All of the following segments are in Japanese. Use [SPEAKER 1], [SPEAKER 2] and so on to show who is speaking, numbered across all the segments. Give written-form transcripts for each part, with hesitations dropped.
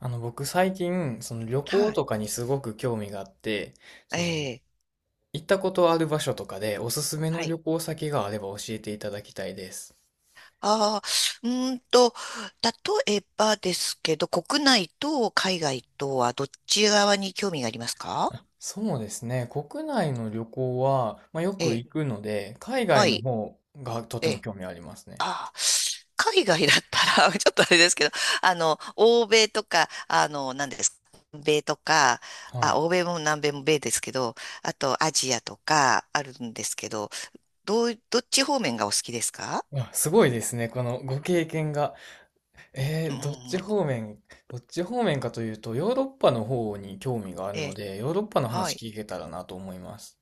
[SPEAKER 1] 僕最近、その旅行
[SPEAKER 2] はい。
[SPEAKER 1] とかにすごく興味があって、そ
[SPEAKER 2] え
[SPEAKER 1] の、
[SPEAKER 2] え、
[SPEAKER 1] 行ったことある場所とかでおすすめ
[SPEAKER 2] は
[SPEAKER 1] の
[SPEAKER 2] い。
[SPEAKER 1] 旅行先があれば教えていただきたいです。
[SPEAKER 2] ああ、うーんと、例えばですけど、国内と海外とはどっち側に興味がありますか？
[SPEAKER 1] あ、そうですね。国内の旅行は、まあ、よ
[SPEAKER 2] え
[SPEAKER 1] く
[SPEAKER 2] え、
[SPEAKER 1] 行くので、海
[SPEAKER 2] は
[SPEAKER 1] 外の
[SPEAKER 2] い。
[SPEAKER 1] 方がと
[SPEAKER 2] え
[SPEAKER 1] ても
[SPEAKER 2] え、
[SPEAKER 1] 興味ありますね。
[SPEAKER 2] ああ、海外だったら、ちょっとあれですけど、欧米とか、何ですか、南米とか、
[SPEAKER 1] は
[SPEAKER 2] あ、
[SPEAKER 1] い。
[SPEAKER 2] 欧米も南米も米ですけど、あとアジアとかあるんですけど、どっち方面がお好きですか？
[SPEAKER 1] あ、すごいですね。このご経験が。え
[SPEAKER 2] う
[SPEAKER 1] ー、
[SPEAKER 2] ん、
[SPEAKER 1] どっち方面、どっち方面かというと、ヨーロッパの方に興味があ
[SPEAKER 2] え
[SPEAKER 1] るの
[SPEAKER 2] え、
[SPEAKER 1] で、ヨーロッパの
[SPEAKER 2] は
[SPEAKER 1] 話
[SPEAKER 2] い。
[SPEAKER 1] 聞けたらなと思います。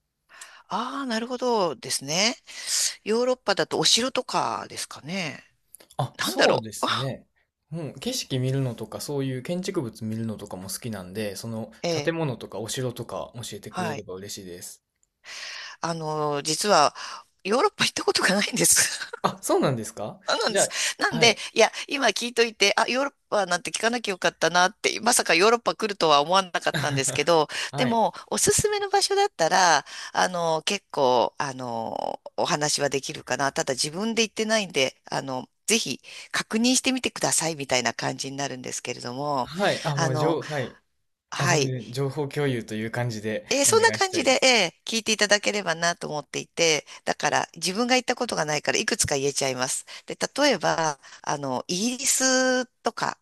[SPEAKER 2] ああ、なるほどですね。ヨーロッパだとお城とかですかね。
[SPEAKER 1] あ、
[SPEAKER 2] なんだ
[SPEAKER 1] そう
[SPEAKER 2] ろ
[SPEAKER 1] ですね。うん、景色見るのとか、そういう建築物見るのとかも好きなんで、その
[SPEAKER 2] う。え
[SPEAKER 1] 建
[SPEAKER 2] え、
[SPEAKER 1] 物とかお城とか教えてくれ
[SPEAKER 2] は
[SPEAKER 1] れ
[SPEAKER 2] い。
[SPEAKER 1] ば嬉しいです。
[SPEAKER 2] 実は、ヨーロッパ行ったことがないんです。
[SPEAKER 1] あ、そうなんですか？
[SPEAKER 2] あなん
[SPEAKER 1] じ
[SPEAKER 2] です。
[SPEAKER 1] ゃ
[SPEAKER 2] な
[SPEAKER 1] あ、
[SPEAKER 2] ん
[SPEAKER 1] は
[SPEAKER 2] で、
[SPEAKER 1] い。
[SPEAKER 2] いや、今聞いといて、あ、ヨーロッパなんて聞かなきゃよかったなって、まさかヨーロッパ来るとは思わなかったんですけ ど、
[SPEAKER 1] は
[SPEAKER 2] で
[SPEAKER 1] い。
[SPEAKER 2] も、おすすめの場所だったら、結構、お話はできるかな。ただ自分で行ってないんで、ぜひ確認してみてくださいみたいな感じになるんですけれども、
[SPEAKER 1] はい。あ、
[SPEAKER 2] あ
[SPEAKER 1] もう、
[SPEAKER 2] の、
[SPEAKER 1] はい。あ、
[SPEAKER 2] は
[SPEAKER 1] 全
[SPEAKER 2] い。
[SPEAKER 1] 然、情報共有という感じで
[SPEAKER 2] えー
[SPEAKER 1] お
[SPEAKER 2] そんな
[SPEAKER 1] 願いし
[SPEAKER 2] 感
[SPEAKER 1] た
[SPEAKER 2] じ
[SPEAKER 1] いで
[SPEAKER 2] で、
[SPEAKER 1] す。
[SPEAKER 2] 聞いていただければなと思っていて、だから自分が行ったことがないからいくつか言えちゃいます。で、例えば、イギリスとか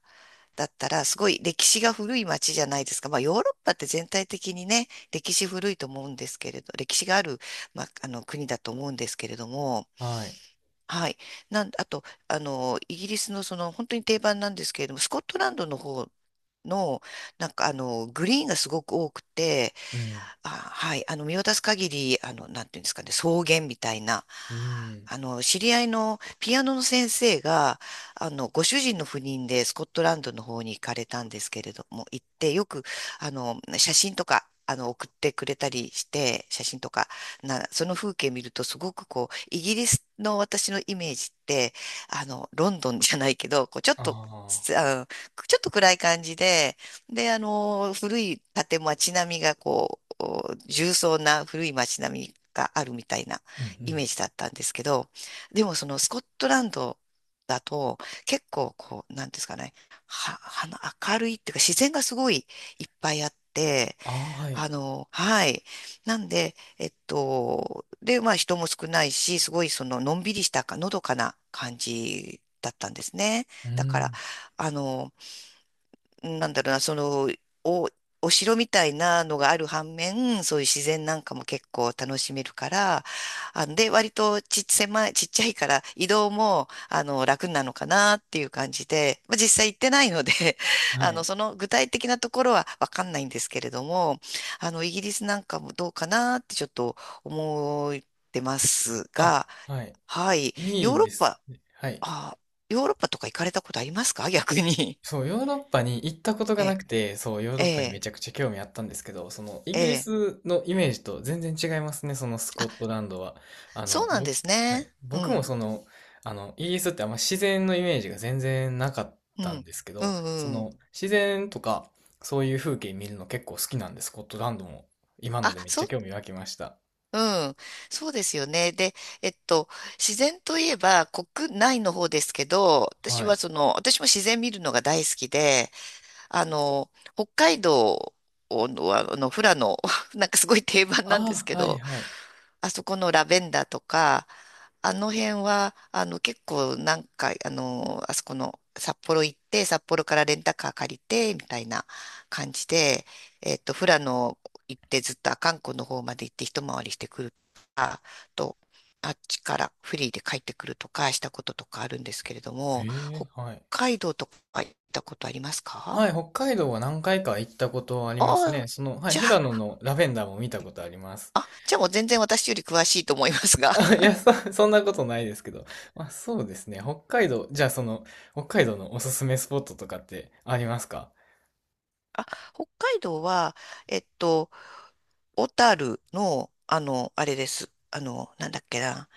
[SPEAKER 2] だったらすごい歴史が古い街じゃないですか。まあ、ヨーロッパって全体的にね、歴史古いと思うんですけれど、歴史がある、国だと思うんですけれども、
[SPEAKER 1] はい。
[SPEAKER 2] はい。あと、イギリスのその本当に定番なんですけれども、スコットランドの方の、グリーンがすごく多くて、
[SPEAKER 1] うん。
[SPEAKER 2] あ、はい。見渡す限り、なんていうんですかね、草原みたいな。
[SPEAKER 1] うん。
[SPEAKER 2] 知り合いのピアノの先生が、ご主人の赴任でスコットランドの方に行かれたんですけれども、行って、よく、あの、写真とか、送ってくれたりして、写真とか、その風景見ると、すごくこう、イギリスの私のイメージって、ロンドンじゃないけど、こう、ちょっ
[SPEAKER 1] あ
[SPEAKER 2] と、つ
[SPEAKER 1] あ。
[SPEAKER 2] あのちょっと暗い感じで、で、古い建物、街並みがこう、お重層な古い街並みがあるみたいな
[SPEAKER 1] うんう
[SPEAKER 2] イ
[SPEAKER 1] ん。
[SPEAKER 2] メージだったんですけど、でもそのスコットランドだと結構こう、なんですかね、は、はな明るいっていうか自然がすごいいっぱいあって、
[SPEAKER 1] ああ、はい。
[SPEAKER 2] はい。なんで、で、まあ人も少ないし、すごいそののんびりしたか、のどかな感じだったんですね。
[SPEAKER 1] う
[SPEAKER 2] だから、
[SPEAKER 1] ん。
[SPEAKER 2] あの、なんだろうな、その、お、お城みたいなのがある反面、そういう自然なんかも結構楽しめるから、割とちっ、狭い、ちっちゃいから移動も、楽なのかなっていう感じで、まあ、実際行ってないので
[SPEAKER 1] はい。
[SPEAKER 2] その具体的なところはわかんないんですけれども、イギリスなんかもどうかなってちょっと思ってます
[SPEAKER 1] あ、
[SPEAKER 2] が、
[SPEAKER 1] はい。
[SPEAKER 2] はい、
[SPEAKER 1] い
[SPEAKER 2] ヨー
[SPEAKER 1] い
[SPEAKER 2] ロッ
[SPEAKER 1] です
[SPEAKER 2] パ、
[SPEAKER 1] ね。はい。
[SPEAKER 2] あ、ヨーロッパとか行かれたことありますか？逆に。
[SPEAKER 1] そう、ヨーロッパに行ったこと が
[SPEAKER 2] え
[SPEAKER 1] な
[SPEAKER 2] え、
[SPEAKER 1] くて、そう、ヨーロ
[SPEAKER 2] え
[SPEAKER 1] ッパにめ
[SPEAKER 2] え、
[SPEAKER 1] ちゃくちゃ興味あったんですけど、その、イギリ
[SPEAKER 2] ええ。
[SPEAKER 1] スのイメージと全然違いますね、そのスコットランドは。
[SPEAKER 2] そうなん
[SPEAKER 1] 僕、
[SPEAKER 2] です
[SPEAKER 1] は
[SPEAKER 2] ね。
[SPEAKER 1] い、
[SPEAKER 2] う
[SPEAKER 1] 僕も
[SPEAKER 2] ん、
[SPEAKER 1] イギリスってあんま自然のイメージが全然なかっ
[SPEAKER 2] う
[SPEAKER 1] たん
[SPEAKER 2] ん、
[SPEAKER 1] ですけ
[SPEAKER 2] う
[SPEAKER 1] ど、
[SPEAKER 2] ん、
[SPEAKER 1] そ
[SPEAKER 2] うん。
[SPEAKER 1] の、自然とか、そういう風景見るの結構好きなんで、スコットランドも、今の
[SPEAKER 2] あ、
[SPEAKER 1] でめっ
[SPEAKER 2] そ
[SPEAKER 1] ちゃ
[SPEAKER 2] う、
[SPEAKER 1] 興味湧きました。
[SPEAKER 2] うん。そうですよね。で、えっと、自然といえば国内の方ですけど、私
[SPEAKER 1] は
[SPEAKER 2] は
[SPEAKER 1] い。
[SPEAKER 2] その、私も自然見るのが大好きで、北海道の、富良野、なんかすごい定番なんです
[SPEAKER 1] ああ、
[SPEAKER 2] け
[SPEAKER 1] はい
[SPEAKER 2] ど、
[SPEAKER 1] はい。
[SPEAKER 2] あそこのラベンダーとか、あの辺は、結構何回、あの、あそこの札幌行って、札幌からレンタカー借りて、みたいな感じで、富良野行ってずっと阿寒湖の方まで行って一回りしてくると、あっちからフリーで帰ってくるとかしたこととかあるんですけれど
[SPEAKER 1] へ
[SPEAKER 2] も、
[SPEAKER 1] え、
[SPEAKER 2] 北
[SPEAKER 1] はい。
[SPEAKER 2] 海道とか行ったことありますか？
[SPEAKER 1] はい、北海道は何回か行ったことあります
[SPEAKER 2] あ
[SPEAKER 1] ね。
[SPEAKER 2] あ、
[SPEAKER 1] はい、
[SPEAKER 2] じゃ
[SPEAKER 1] 富良野
[SPEAKER 2] あ、
[SPEAKER 1] のラベンダーも見たことあります。
[SPEAKER 2] あ、じゃあもう全然私より詳しいと思いますが、
[SPEAKER 1] あ、い や、そんなことないですけど。まあ、そうですね。北海道、じゃあ北海道のおすすめスポットとかってありますか？
[SPEAKER 2] 北海道は、えっと、小樽の、あれです。なんだっけな。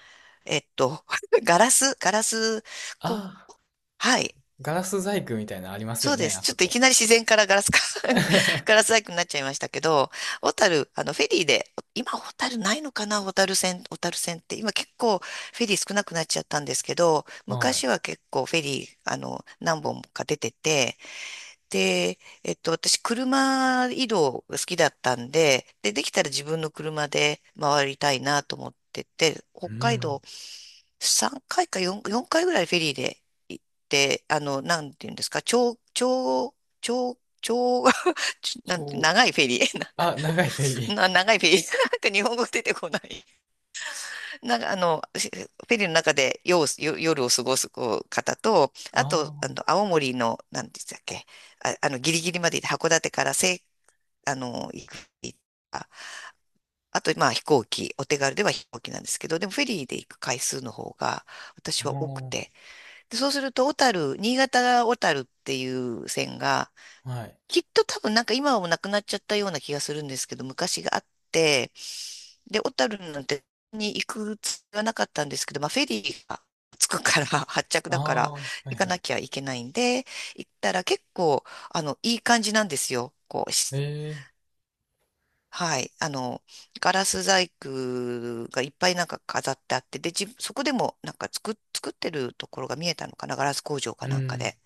[SPEAKER 2] えっと、ガラス、こ、
[SPEAKER 1] ああ、
[SPEAKER 2] はい。
[SPEAKER 1] ガラス細工みたいなのあります
[SPEAKER 2] そ
[SPEAKER 1] よ
[SPEAKER 2] うで
[SPEAKER 1] ね、
[SPEAKER 2] す。
[SPEAKER 1] あ
[SPEAKER 2] ちょ
[SPEAKER 1] そ
[SPEAKER 2] っとい
[SPEAKER 1] こ。
[SPEAKER 2] きなり自然からガラスか ガラス 細工になっちゃいましたけど、小樽、フェリーで、今小樽ないのかな小樽線、小樽線って。今結構フェリー少なくなっちゃったんですけど、
[SPEAKER 1] は
[SPEAKER 2] 昔
[SPEAKER 1] い。
[SPEAKER 2] は結構フェリー、何本か出てて、で、私、車移動が好きだったんで、で、できたら自分の車で回りたいなと思ってて、
[SPEAKER 1] う
[SPEAKER 2] 北海
[SPEAKER 1] ん。
[SPEAKER 2] 道3回か4、回ぐらいフェリーで行って、なんていうんですか、長、長、長、長、ちょなんて、
[SPEAKER 1] 超、
[SPEAKER 2] 長いフェリー、
[SPEAKER 1] あ、長いフェリ ー。
[SPEAKER 2] 長いフェリー、なんか日本語出てこない。なんか、フェリーの中で夜を過ごすこう方と、あと、
[SPEAKER 1] あ
[SPEAKER 2] 青森の、なんて言ってたっけ、ギリギリまで行って函館から青あの、行く。あと、まあ飛行機、お手軽では飛行機なんですけど、でもフェリーで行く回数の方が
[SPEAKER 1] あ、
[SPEAKER 2] 私は多く
[SPEAKER 1] あ
[SPEAKER 2] て。で、そうすると、小樽、新潟小樽っていう線が、
[SPEAKER 1] あ、はい。
[SPEAKER 2] きっと多分なんか今はもうなくなっちゃったような気がするんですけど、昔があって、で、小樽なんてに行くつもりはなかったんですけど、まあフェリーが着くから、発着
[SPEAKER 1] あ
[SPEAKER 2] だから
[SPEAKER 1] あ、はい
[SPEAKER 2] 行か
[SPEAKER 1] は
[SPEAKER 2] な
[SPEAKER 1] い。
[SPEAKER 2] きゃいけないんで、行ったら結構、いい感じなんですよ。
[SPEAKER 1] ええ、
[SPEAKER 2] はい。ガラス細工がいっぱいなんか飾ってあって、で、そこでもなんか作ってるところが見えたのかな、ガラス工場か
[SPEAKER 1] う
[SPEAKER 2] なんか
[SPEAKER 1] ん、
[SPEAKER 2] で。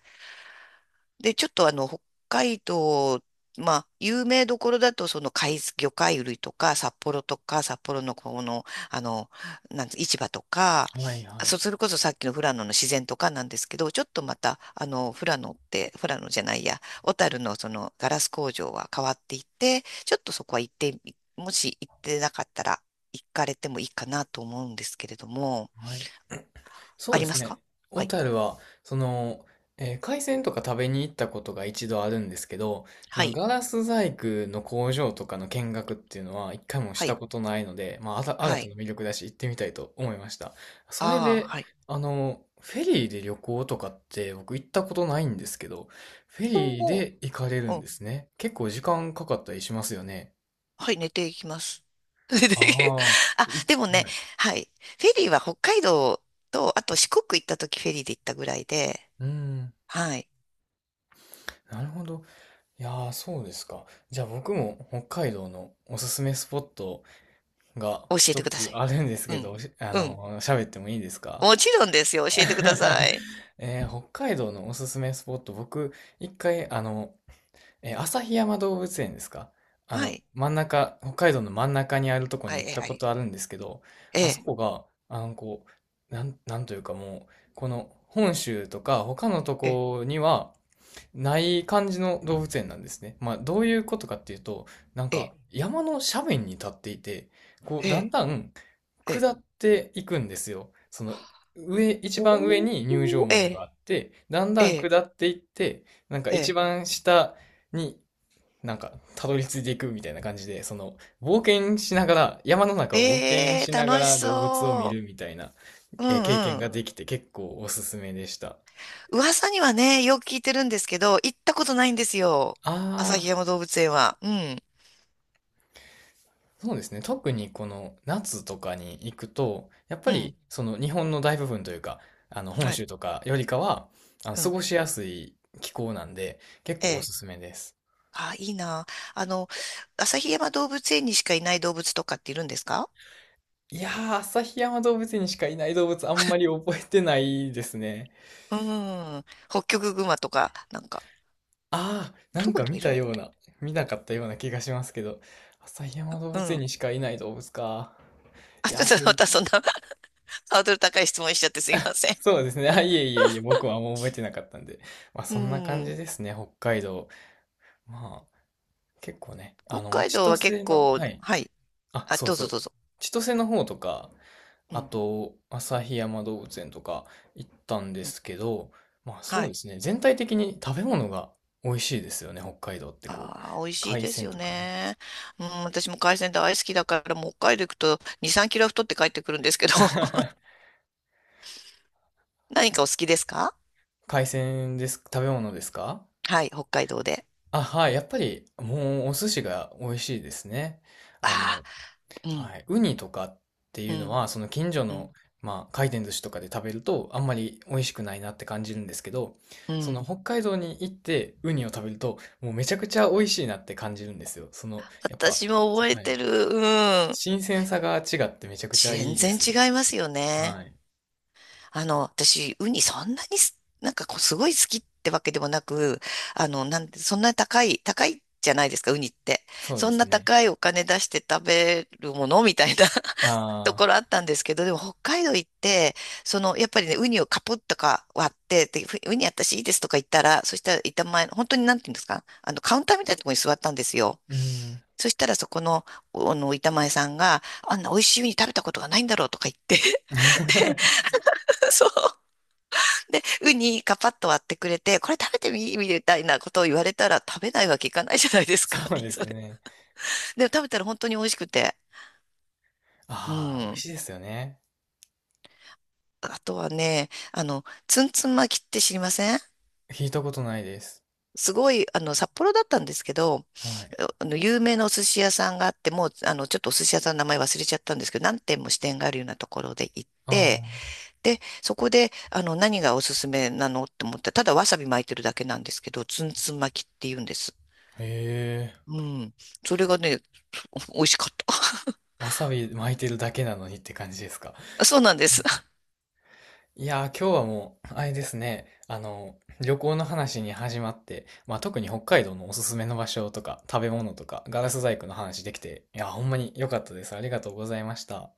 [SPEAKER 2] で、ちょっと北海道、まあ、有名どころだと、その海、魚介類とか、札幌とか、札幌のこの、あの、なんつ市場とか、
[SPEAKER 1] はいはい。
[SPEAKER 2] それこそさっきの富良野の自然とかなんですけど、ちょっとまた、あの、富良野って、富良野じゃないや、小樽のそのガラス工場は変わっていて、ちょっとそこは行ってみ、もし行ってなかったら、行かれてもいいかなと思うんですけれども、
[SPEAKER 1] はい。そ
[SPEAKER 2] あ
[SPEAKER 1] うで
[SPEAKER 2] りま
[SPEAKER 1] す
[SPEAKER 2] す
[SPEAKER 1] ね。
[SPEAKER 2] か？は
[SPEAKER 1] 小
[SPEAKER 2] い。
[SPEAKER 1] 樽は、海鮮とか食べに行ったことが一度あるんですけど、そ
[SPEAKER 2] は
[SPEAKER 1] の
[SPEAKER 2] い。
[SPEAKER 1] ガラス細工の工場とかの見学っていうのは一回もし
[SPEAKER 2] は
[SPEAKER 1] た
[SPEAKER 2] い。
[SPEAKER 1] ことないので、まあ、新
[SPEAKER 2] は
[SPEAKER 1] た
[SPEAKER 2] い。
[SPEAKER 1] な魅力だし行ってみたいと思いました。それ
[SPEAKER 2] ああ、
[SPEAKER 1] で、
[SPEAKER 2] はい。
[SPEAKER 1] フェリーで旅行とかって僕行ったことないんですけど、フェ
[SPEAKER 2] 今
[SPEAKER 1] リー
[SPEAKER 2] 後、
[SPEAKER 1] で行かれるん
[SPEAKER 2] う、
[SPEAKER 1] ですね。結構時間かかったりしますよね。
[SPEAKER 2] はい、寝ていきます。寝ていき、
[SPEAKER 1] ああ、
[SPEAKER 2] あ、でもね、
[SPEAKER 1] はい。
[SPEAKER 2] はい。フェリーは北海道と、あと四国行った時フェリーで行ったぐらいで、
[SPEAKER 1] うん、
[SPEAKER 2] はい。
[SPEAKER 1] なるほど。いやー、そうですか。じゃあ僕も北海道のおすすめスポットが
[SPEAKER 2] 教え
[SPEAKER 1] 一
[SPEAKER 2] てくだ
[SPEAKER 1] つ
[SPEAKER 2] さい。
[SPEAKER 1] あるんです
[SPEAKER 2] う
[SPEAKER 1] け
[SPEAKER 2] ん。
[SPEAKER 1] ど、
[SPEAKER 2] うん。
[SPEAKER 1] 喋ってもいいですか？
[SPEAKER 2] もちろんですよ。教えてください。
[SPEAKER 1] 北海道のおすすめスポット、僕、一回、旭山動物園ですか？あ
[SPEAKER 2] は
[SPEAKER 1] の、
[SPEAKER 2] い。
[SPEAKER 1] 真ん中、北海道の真ん中にあるとこに
[SPEAKER 2] は
[SPEAKER 1] 行
[SPEAKER 2] い、
[SPEAKER 1] っ
[SPEAKER 2] え、
[SPEAKER 1] た
[SPEAKER 2] あ
[SPEAKER 1] こ
[SPEAKER 2] り。
[SPEAKER 1] とあるんですけど、あそ
[SPEAKER 2] え、
[SPEAKER 1] こが、こう、なんというかもう、この本州とか他のと
[SPEAKER 2] え、え、
[SPEAKER 1] こには、ない感じの動物園なんですね。まあ、どういうことかっていうと、なんか
[SPEAKER 2] え、
[SPEAKER 1] 山の斜面に立っていて、こう、
[SPEAKER 2] え
[SPEAKER 1] だん
[SPEAKER 2] え、
[SPEAKER 1] だん
[SPEAKER 2] ええ、ええ。
[SPEAKER 1] 下っていくんですよ。一番上
[SPEAKER 2] お
[SPEAKER 1] に入場
[SPEAKER 2] ー、
[SPEAKER 1] 門が
[SPEAKER 2] え、
[SPEAKER 1] あって、だんだん
[SPEAKER 2] え
[SPEAKER 1] 下っていって、なんか
[SPEAKER 2] え、
[SPEAKER 1] 一
[SPEAKER 2] え
[SPEAKER 1] 番下になんかたどり着いていくみたいな感じで、その、冒険しながら、山の
[SPEAKER 2] ー、
[SPEAKER 1] 中
[SPEAKER 2] え
[SPEAKER 1] を冒険
[SPEAKER 2] え
[SPEAKER 1] しなが
[SPEAKER 2] 楽し
[SPEAKER 1] ら動物を見
[SPEAKER 2] そ
[SPEAKER 1] るみたいな、
[SPEAKER 2] う。うん
[SPEAKER 1] 経験
[SPEAKER 2] うん。
[SPEAKER 1] ができて結構おすすめでした。
[SPEAKER 2] 噂にはね、よく聞いてるんですけど、行ったことないんですよ。
[SPEAKER 1] あ
[SPEAKER 2] 旭
[SPEAKER 1] あ。
[SPEAKER 2] 山動物園は。うん。
[SPEAKER 1] そうですね。特にこの夏とかに行くと、やっぱ
[SPEAKER 2] うん。
[SPEAKER 1] りその日本の大部分というか、あの本
[SPEAKER 2] はい。
[SPEAKER 1] 州とかよりかは、あの
[SPEAKER 2] う
[SPEAKER 1] 過
[SPEAKER 2] ん。
[SPEAKER 1] ごしやすい気候なんで、結
[SPEAKER 2] え
[SPEAKER 1] 構お
[SPEAKER 2] え。
[SPEAKER 1] すすめです。
[SPEAKER 2] あ、いいな。あの、旭山動物園にしかいない動物とかっているんですか？
[SPEAKER 1] いやー、旭山動物園にしかいない動物あんまり覚えてないですね。
[SPEAKER 2] うん。ホッキョクグマとか、なんか、
[SPEAKER 1] あー、な
[SPEAKER 2] ど
[SPEAKER 1] ん
[SPEAKER 2] こに
[SPEAKER 1] か
[SPEAKER 2] でも
[SPEAKER 1] 見
[SPEAKER 2] いる
[SPEAKER 1] た
[SPEAKER 2] のか
[SPEAKER 1] よう
[SPEAKER 2] ね。
[SPEAKER 1] な、見なかったような気がしますけど、旭山動
[SPEAKER 2] う
[SPEAKER 1] 物園
[SPEAKER 2] ん。
[SPEAKER 1] にしかいない動物か。
[SPEAKER 2] あ、
[SPEAKER 1] い
[SPEAKER 2] ち
[SPEAKER 1] や
[SPEAKER 2] ょ
[SPEAKER 1] ー、
[SPEAKER 2] っとまたそんな ハードル高い質問しちゃってすいません。
[SPEAKER 1] そうですね。あ、いえいえいえ、僕はもう覚えてなかったんで。まあ、
[SPEAKER 2] う
[SPEAKER 1] そんな感
[SPEAKER 2] ん。
[SPEAKER 1] じですね、北海道。まあ、結構ね、あ
[SPEAKER 2] 北
[SPEAKER 1] の、
[SPEAKER 2] 海
[SPEAKER 1] 千
[SPEAKER 2] 道は結
[SPEAKER 1] 歳の、
[SPEAKER 2] 構、
[SPEAKER 1] はい。
[SPEAKER 2] はい。
[SPEAKER 1] あ、
[SPEAKER 2] あ、
[SPEAKER 1] そう
[SPEAKER 2] どう
[SPEAKER 1] そ
[SPEAKER 2] ぞ
[SPEAKER 1] う。
[SPEAKER 2] どうぞ。
[SPEAKER 1] 千歳の方とか、
[SPEAKER 2] う
[SPEAKER 1] あ
[SPEAKER 2] ん。
[SPEAKER 1] と、旭山動物園とか行ったんで
[SPEAKER 2] うん。
[SPEAKER 1] すけど、まあそ
[SPEAKER 2] は
[SPEAKER 1] うで
[SPEAKER 2] い。
[SPEAKER 1] すね、全体的に食べ物が美味しいですよね、北海道ってこう。
[SPEAKER 2] ああ、美味しい
[SPEAKER 1] 海
[SPEAKER 2] です
[SPEAKER 1] 鮮
[SPEAKER 2] よ
[SPEAKER 1] とかね。
[SPEAKER 2] ね。うん、私も海鮮大好きだから、もう北海道行くと2、3キロは太って帰ってくるんですけど、何かお好きですか？
[SPEAKER 1] 海鮮です、食べ物ですか？
[SPEAKER 2] はい、北海道で。
[SPEAKER 1] あ、はい、やっぱりもうお寿司が美味しいですね。あ
[SPEAKER 2] あ
[SPEAKER 1] の、
[SPEAKER 2] あ。うん、
[SPEAKER 1] はい。ウニとかって
[SPEAKER 2] う
[SPEAKER 1] いうの
[SPEAKER 2] ん、
[SPEAKER 1] は、その近所
[SPEAKER 2] う
[SPEAKER 1] の、
[SPEAKER 2] ん、
[SPEAKER 1] まあ、回転寿司とかで食べると、あんまり美味しくないなって感じるんですけど、
[SPEAKER 2] う
[SPEAKER 1] その
[SPEAKER 2] ん。
[SPEAKER 1] 北海道に行ってウニを食べると、もうめちゃくちゃ美味しいなって感じるんですよ。やっぱ、
[SPEAKER 2] 私も覚え
[SPEAKER 1] は
[SPEAKER 2] て
[SPEAKER 1] い。
[SPEAKER 2] る。うん。
[SPEAKER 1] 新鮮さが違ってめちゃくちゃい
[SPEAKER 2] 全
[SPEAKER 1] いで
[SPEAKER 2] 然
[SPEAKER 1] す
[SPEAKER 2] 違
[SPEAKER 1] よ。
[SPEAKER 2] いますよね。
[SPEAKER 1] はい。
[SPEAKER 2] 私、ウニそんなにす、なんかこう、すごい好きってわけでもなく、あの、なんて、そんな高い、高いじゃないですか、ウニって。
[SPEAKER 1] そうで
[SPEAKER 2] そん
[SPEAKER 1] す
[SPEAKER 2] な
[SPEAKER 1] ね。
[SPEAKER 2] 高いお金出して食べるものみたいな と
[SPEAKER 1] ああ、
[SPEAKER 2] ころあったんですけど、でも北海道行って、その、やっぱりね、ウニをカポッとか割って、で、ウニ私いいですとか言ったら、そしたら板前の、本当になんていうんですか、カウンターみたいなところに座ったんですよ。
[SPEAKER 1] うん。
[SPEAKER 2] そしたらそこの、板前さんが、あんな美味しいウニ食べたことがないんだろうとか言って、そう。で、ウニカパッと割ってくれて、これ食べてみ、みたいなことを言われたら食べないわけいかないじゃないですか。
[SPEAKER 1] そうで
[SPEAKER 2] そ
[SPEAKER 1] す
[SPEAKER 2] れ
[SPEAKER 1] ね。
[SPEAKER 2] でも食べたら本当に美味しくて。う
[SPEAKER 1] ああ、美味し
[SPEAKER 2] ん。
[SPEAKER 1] いですよね。
[SPEAKER 2] あとはね、ツンツン巻きって知りません？
[SPEAKER 1] 聞いたことないです。
[SPEAKER 2] すごい、札幌だったんですけど、
[SPEAKER 1] はい。
[SPEAKER 2] 有名なお寿司屋さんがあって、もう、ちょっとお寿司屋さんの名前忘れちゃったんですけど、何店も支店があるようなところで行っ
[SPEAKER 1] ああ、
[SPEAKER 2] て、で、そこで、何がおすすめなのって思ったら、ただわさび巻いてるだけなんですけど、ツンツン巻きって言うんです。
[SPEAKER 1] へえ。
[SPEAKER 2] うん。それがね、美味しかっ
[SPEAKER 1] わさび巻いてるだけなのにって感じですか？
[SPEAKER 2] た。そうなんです。
[SPEAKER 1] いやー、今日はもう、あれですね、旅行の話に始まって、まあ特に北海道のおすすめの場所とか、食べ物とか、ガラス細工の話できて、いやー、ほんまに良かったです。ありがとうございました。